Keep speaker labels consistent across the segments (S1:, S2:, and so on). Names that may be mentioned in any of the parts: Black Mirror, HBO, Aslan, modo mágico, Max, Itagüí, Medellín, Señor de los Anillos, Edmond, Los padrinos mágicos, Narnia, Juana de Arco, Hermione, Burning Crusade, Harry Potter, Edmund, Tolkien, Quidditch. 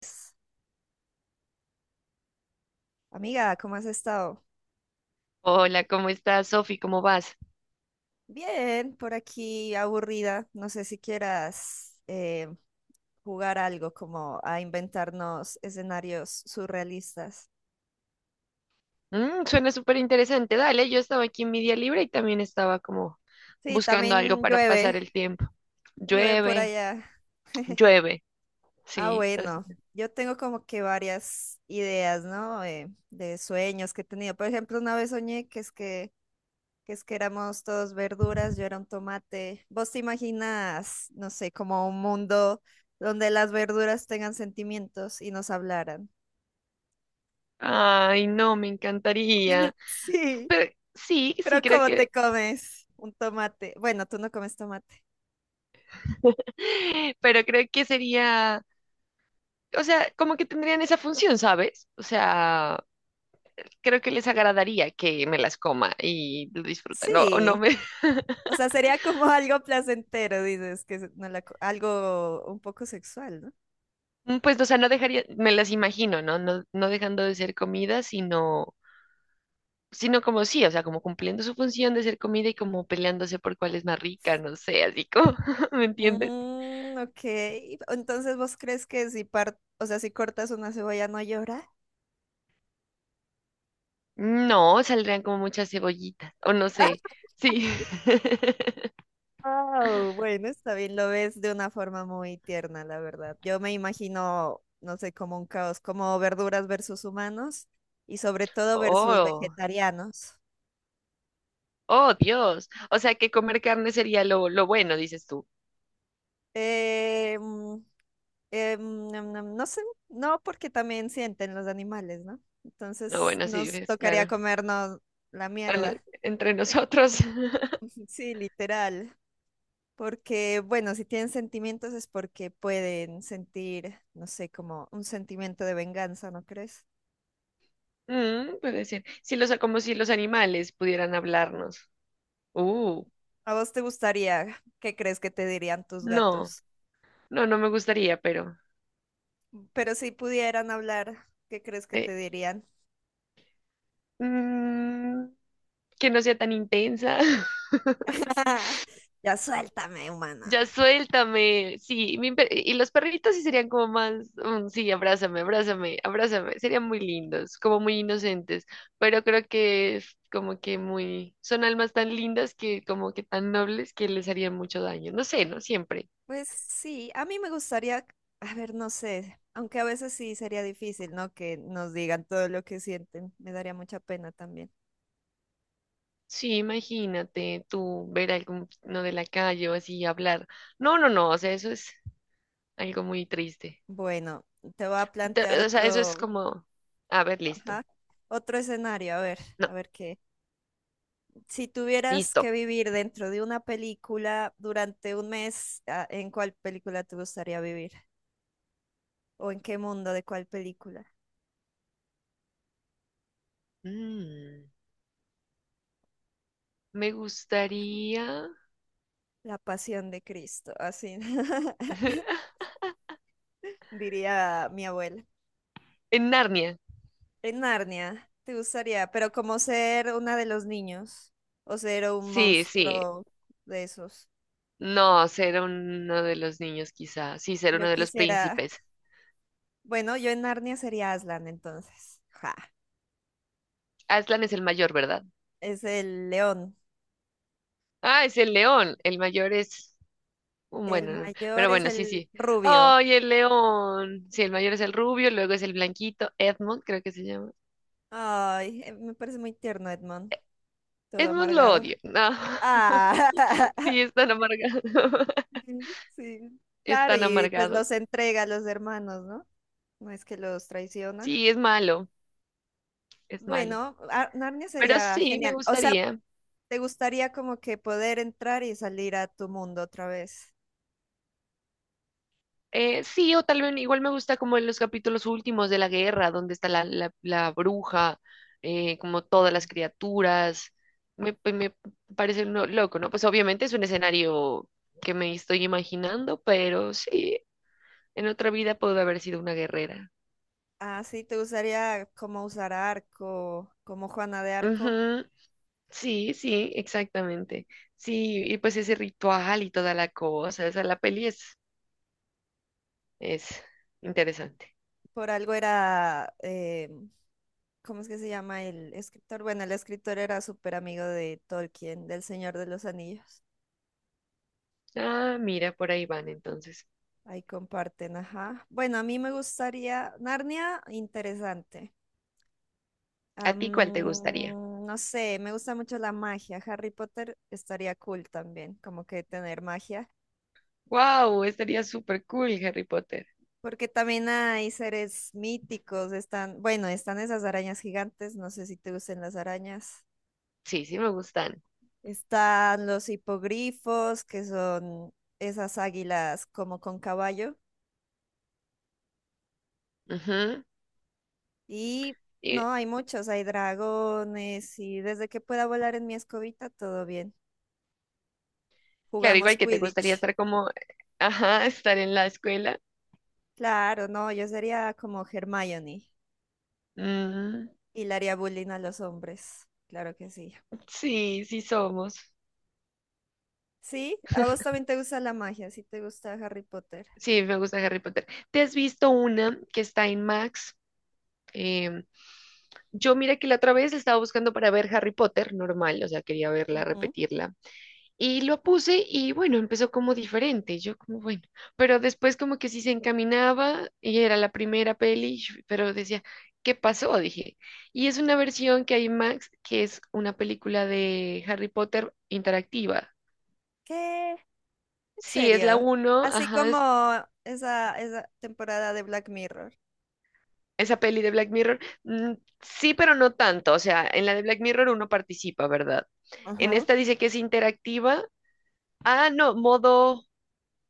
S1: Pues, amiga, ¿cómo has estado?
S2: Hola, ¿cómo estás, Sofi? ¿Cómo vas?
S1: Bien, por aquí aburrida. No sé si quieras jugar algo como a inventarnos escenarios surrealistas.
S2: Suena súper interesante. Dale, yo estaba aquí en mi día libre y también estaba como
S1: Sí,
S2: buscando algo
S1: también
S2: para
S1: llueve,
S2: pasar el tiempo.
S1: llueve por
S2: Llueve,
S1: allá.
S2: llueve.
S1: Ah,
S2: Sí, está
S1: bueno, yo tengo como que varias ideas, ¿no? De sueños que he tenido. Por ejemplo, una vez soñé que éramos todos verduras, yo era un tomate. ¿Vos te imaginas, no sé, como un mundo donde las verduras tengan sentimientos y nos hablaran?
S2: Ay, no, me encantaría.
S1: Sí,
S2: Pero sí, sí,
S1: pero
S2: creo
S1: ¿cómo te
S2: que.
S1: comes un tomate? Bueno, tú no comes tomate.
S2: Pero creo que sería. O sea, como que tendrían esa función, ¿sabes? O sea, creo que les agradaría que me las coma y lo disfrutan. No, o no
S1: Sí, o sea, sería como algo placentero, dices, que se- no la co- algo un poco sexual, ¿no?
S2: Pues, o sea, no dejaría, me las imagino, ¿no? No, no dejando de ser comida, sino, sino como sí, o sea, como cumpliendo su función de ser comida y como peleándose por cuál es más rica, no sé, así como, ¿me entiendes?
S1: Mm, ok, entonces vos crees que si par- o sea, ¿si cortas una cebolla no llora?
S2: No, saldrían como muchas cebollitas, o no sé, sí.
S1: Wow, bueno, está bien, lo ves de una forma muy tierna, la verdad. Yo me imagino, no sé, como un caos, como verduras versus humanos y sobre todo versus
S2: Oh,
S1: vegetarianos.
S2: oh, Dios. O sea, que comer carne sería lo bueno, dices tú.
S1: Eh, mm, nam, nam, no sé, no porque también sienten los animales, ¿no?
S2: Lo
S1: Entonces
S2: bueno, sí,
S1: nos
S2: dices,
S1: tocaría
S2: claro.
S1: comernos la
S2: Ah, no,
S1: mierda,
S2: entre nosotros.
S1: sí, literal. Porque, bueno, si tienen sentimientos es porque pueden sentir, no sé, como un sentimiento de venganza, ¿no crees?
S2: Puede ser. Si los, como si los animales pudieran hablarnos. Uh.
S1: ¿A vos te gustaría? ¿Qué crees que te dirían tus
S2: No,
S1: gatos?
S2: no, no me gustaría, pero
S1: Pero si pudieran hablar, ¿qué crees que
S2: eh,
S1: te dirían?
S2: mm, que no sea tan intensa.
S1: Ya suéltame, humana.
S2: Ya suéltame. Sí, y los perritos sí serían como más, sí, abrázame, abrázame, abrázame. Serían muy lindos, como muy inocentes, pero creo que es como que muy, son almas tan lindas que como que tan nobles que les harían mucho daño. No sé, no siempre.
S1: Pues sí, a mí me gustaría, a ver, no sé, aunque a veces sí sería difícil, ¿no? Que nos digan todo lo que sienten. Me daría mucha pena también.
S2: Sí, imagínate tú ver a alguno de la calle o así hablar. No, no, no, o sea, eso es algo muy triste.
S1: Bueno, te voy a plantear
S2: O sea, eso es
S1: otro,
S2: como, a ver, listo.
S1: ajá, otro escenario,
S2: No,
S1: a ver qué. Si tuvieras
S2: listo.
S1: que vivir dentro de una película durante un mes, ah, ¿en cuál película te gustaría vivir? ¿O en qué mundo de cuál película?
S2: Mm, me gustaría...
S1: La Pasión de Cristo, así diría mi abuela.
S2: En Narnia.
S1: En Narnia, te gustaría, ¿pero como ser una de los niños o ser un
S2: Sí, sí.
S1: monstruo de esos?
S2: No, ser uno de los niños quizá. Sí, ser
S1: Yo
S2: uno de los
S1: quisiera,
S2: príncipes.
S1: bueno, yo en Narnia sería Aslan entonces. Ja,
S2: Aslan es el mayor, ¿verdad?
S1: es el león.
S2: Ah, es el león. El mayor es...
S1: El
S2: Bueno, no. Pero
S1: mayor es
S2: bueno, sí,
S1: el
S2: sí.
S1: rubio.
S2: Ay, el león. Sí, el mayor es el rubio, luego es el blanquito. Edmund, creo que se llama.
S1: Ay, me parece muy tierno, Edmond, todo
S2: Edmund lo
S1: amargado.
S2: odio. No.
S1: Ah,
S2: Sí, es tan amargado.
S1: sí.
S2: Es
S1: Claro,
S2: tan
S1: y pues
S2: amargado.
S1: los entrega a los hermanos, ¿no? No, es que los traiciona.
S2: Sí, es malo, es malo.
S1: Bueno, Ar- Narnia
S2: Pero
S1: sería
S2: sí, me
S1: genial. O sea,
S2: gustaría.
S1: ¿te gustaría como que poder entrar y salir a tu mundo otra vez?
S2: Sí, o tal vez igual me gusta como en los capítulos últimos de la guerra, donde está la bruja, como todas las criaturas. Me parece loco, ¿no? Pues obviamente es un escenario que me estoy imaginando, pero sí, en otra vida puedo haber sido una guerrera.
S1: Ah, sí, ¿te gustaría como usar arco, como Juana de Arco?
S2: Ujú, sí, sí, exactamente. Sí, y pues ese ritual y toda la cosa, esa la peli es interesante.
S1: Por algo era ¿cómo es que se llama el escritor? Bueno, el escritor era súper amigo de Tolkien, del Señor de los Anillos.
S2: Ah, mira, por ahí van entonces.
S1: Ahí comparten, ajá. Bueno, a mí me gustaría Narnia, interesante.
S2: ¿A ti cuál te gustaría?
S1: No sé, me gusta mucho la magia. Harry Potter estaría cool también, como que tener magia.
S2: Wow, estaría súper cool Harry Potter.
S1: Porque también hay seres míticos, están, bueno, están esas arañas gigantes, no sé si te gustan las arañas.
S2: Sí, sí me gustan.
S1: Están los hipogrifos, que son esas águilas como con caballo.
S2: Ujú.
S1: Y
S2: Y
S1: no, hay muchos, hay dragones y desde que pueda volar en mi escobita, todo bien.
S2: claro,
S1: Jugamos
S2: igual que te gustaría
S1: Quidditch.
S2: estar como, ajá, estar en la escuela.
S1: Claro, no, yo sería como Hermione
S2: Mm,
S1: y le haría bullying a los hombres. Claro que sí.
S2: sí, sí somos.
S1: Sí, a vos también te gusta la magia, sí te gusta Harry Potter.
S2: Sí, me gusta Harry Potter. ¿Te has visto una que está en Max? Em, yo mira que la otra vez estaba buscando para ver Harry Potter normal, o sea, quería verla,
S1: Ujú.
S2: repetirla. Y lo puse y bueno, empezó como diferente, yo como bueno, pero después como que sí se encaminaba y era la primera peli, pero decía, ¿qué pasó? Dije, y es una versión que hay en Max, que es una película de Harry Potter interactiva.
S1: ¿Qué? ¿En
S2: Sí, es la
S1: serio?
S2: uno,
S1: Así
S2: ajá,
S1: como
S2: es
S1: esa temporada de Black Mirror.
S2: esa peli de Black Mirror. Sí, pero no tanto, o sea, en la de Black Mirror uno participa, ¿verdad? En
S1: Ajá.
S2: esta dice que es interactiva. Ah, no, modo...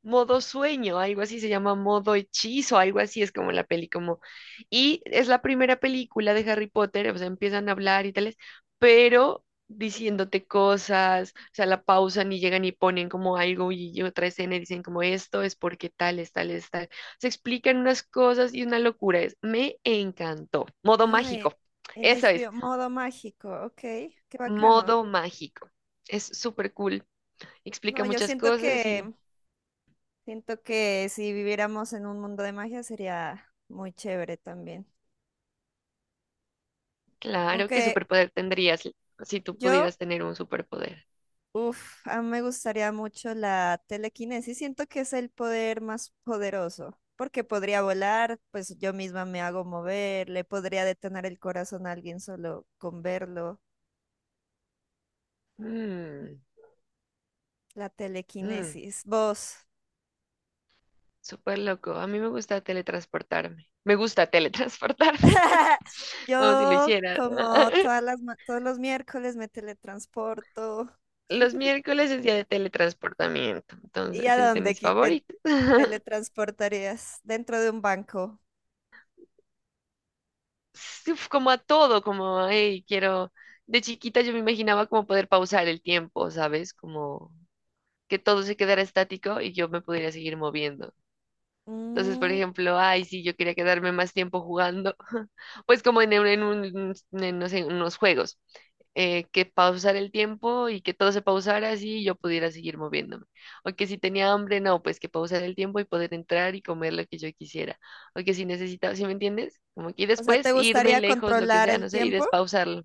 S2: modo sueño, algo así se llama, modo hechizo, algo así es como la peli, como, y es la primera película de Harry Potter, o sea, empiezan a hablar y tales, pero diciéndote cosas, o sea, la pausan y llegan y ponen como algo y otra escena y dicen como esto es porque tales, tales, tal. Se explican unas cosas y una locura es, me encantó. Modo
S1: Ah,
S2: mágico,
S1: en
S2: eso es,
S1: HBO, modo mágico, ok, qué bacano.
S2: modo mágico. Es súper cool,
S1: No,
S2: explica
S1: yo
S2: muchas
S1: siento
S2: cosas y
S1: siento que si viviéramos en un mundo de magia sería muy chévere también.
S2: claro, ¿qué
S1: Aunque
S2: superpoder tendrías si tú
S1: yo,
S2: pudieras tener un superpoder?
S1: uff, a mí me gustaría mucho la telequinesis, siento que es el poder más poderoso, porque podría volar, pues yo misma me hago mover, le podría detonar el corazón a alguien solo con verlo.
S2: Mm,
S1: La
S2: mm,
S1: telequinesis. ¿Vos?
S2: súper loco. A mí me gusta teletransportarme. Me gusta teletransportarme, como si lo
S1: Yo,
S2: hiciera.
S1: como todas las, ma- todos los miércoles, me teletransporto.
S2: Los miércoles es día de teletransportamiento,
S1: ¿Y a
S2: entonces es de
S1: dónde
S2: mis
S1: qui- te
S2: favoritos.
S1: teletransportarías? Dentro de un banco.
S2: Sí, uf, como a todo, como, hey, quiero... De chiquita yo me imaginaba como poder pausar el tiempo, ¿sabes? Como que todo se quedara estático y yo me pudiera seguir moviendo. Entonces, por
S1: Mm,
S2: ejemplo, ay, sí, yo quería quedarme más tiempo jugando, pues como en no sé, unos juegos, que pausar el tiempo y que todo se pausara así y yo pudiera seguir moviéndome. O que si tenía hambre, no, pues que pausar el tiempo y poder entrar y comer lo que yo quisiera. O que si necesitaba, ¿sí me entiendes? Como que y
S1: o sea, ¿te
S2: después irme
S1: gustaría
S2: lejos, lo que
S1: controlar
S2: sea,
S1: el
S2: no sé, y
S1: tiempo?
S2: despausarlo.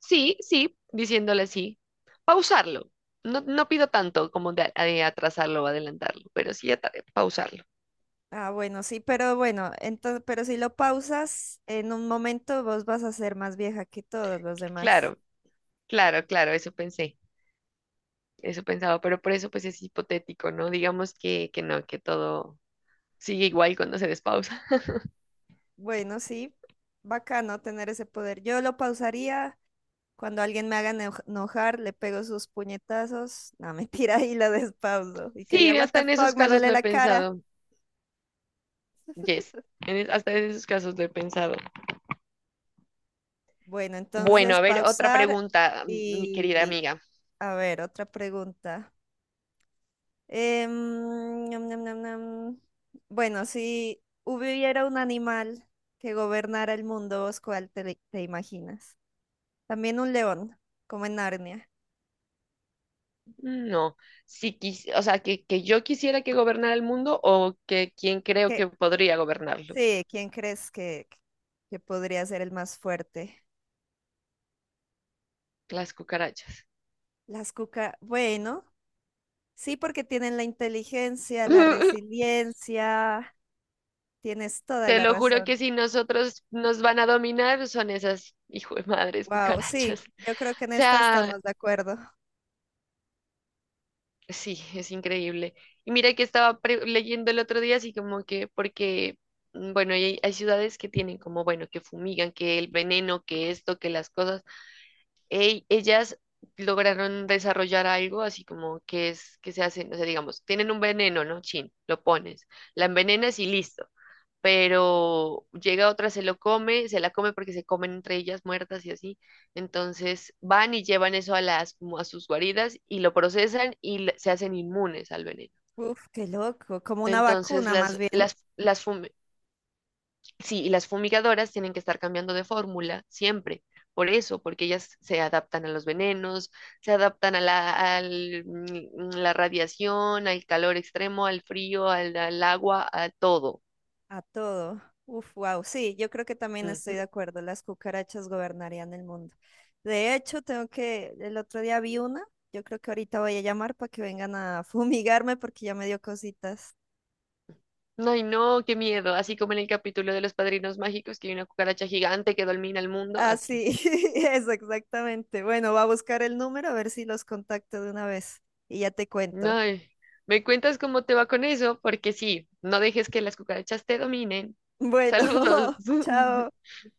S2: Sí, sí, diciéndole así, pausarlo. No, no pido tanto como de atrasarlo o adelantarlo, pero sí pausarlo.
S1: Ah, bueno, sí, pero bueno, entonces, pero si lo pausas, en un momento vos vas a ser más vieja que todos los demás.
S2: Claro. Claro, claro, eso pensé, eso pensaba, pero por eso pues es hipotético, ¿no? Digamos que no, que todo sigue igual cuando se despausa.
S1: Bueno, sí, bacano tener ese poder. Yo lo pausaría. Cuando alguien me haga eno- enojar, le pego sus puñetazos. No, mentira, y la despauso. Y que diga,
S2: Sí,
S1: what
S2: hasta
S1: the
S2: en esos
S1: fuck, me
S2: casos
S1: duele
S2: lo he
S1: la cara.
S2: pensado, yes, en hasta en esos casos lo he pensado.
S1: Bueno,
S2: Bueno,
S1: entonces
S2: a ver, otra
S1: pausar
S2: pregunta, mi
S1: y,
S2: querida
S1: y,
S2: amiga.
S1: a ver, otra pregunta. Em, Ñam, ñam, ñam, ñam. Bueno, si hubiera un animal que gobernara el mundo, ¿vos cuál te imaginas? También un león, como en Narnia.
S2: No, si o sea, que yo quisiera que gobernara el mundo o que quien creo
S1: ¿Qué-
S2: que podría gobernarlo,
S1: sí, ¿quién crees que podría ser el más fuerte?
S2: las cucarachas.
S1: Las cuca, bueno. Sí, porque tienen la inteligencia, la resiliencia, tienes toda
S2: Te
S1: la
S2: lo juro
S1: razón.
S2: que si nosotros nos van a dominar son esas hijo de madres
S1: Wow, sí,
S2: cucarachas.
S1: yo creo que en esta
S2: Sea,
S1: estamos de acuerdo.
S2: sí, es increíble. Y mira que estaba leyendo el otro día, así como que, porque, bueno, y hay ciudades que tienen como, bueno, que fumigan, que el veneno, que esto, que las cosas. Ey, ellas lograron desarrollar algo así como que es, que se hacen, o sea, digamos, tienen un veneno, ¿no? Chin, lo pones, la envenenas y listo. Pero llega otra, se lo come, se la come porque se comen entre ellas muertas y así. Entonces van y llevan eso a las, como a sus guaridas y lo procesan y se hacen inmunes al veneno.
S1: Uf, qué loco, como una
S2: Entonces
S1: vacuna más bien
S2: sí, y las fumigadoras tienen que estar cambiando de fórmula siempre. Por eso, porque ellas se adaptan a los venenos, se adaptan a la, al, la radiación, al calor extremo, al frío, al, al agua, a todo.
S1: a todo. Uf, wow, sí, yo creo que también estoy de acuerdo, las cucarachas gobernarían el mundo. De hecho, tengo que, el otro día vi una, yo creo que ahorita voy a llamar para que vengan a fumigarme porque ya me dio cositas.
S2: Ay, no, qué miedo. Así como en el capítulo de los padrinos mágicos, que hay una cucaracha gigante que domina el mundo, así.
S1: Así es, exactamente. Bueno, va a buscar el número a ver si los contacto de una vez y ya te cuento.
S2: Ay, me cuentas cómo te va con eso, porque sí, no dejes que las cucarachas te dominen.
S1: Bueno,
S2: Saludos.
S1: chao.
S2: Chao.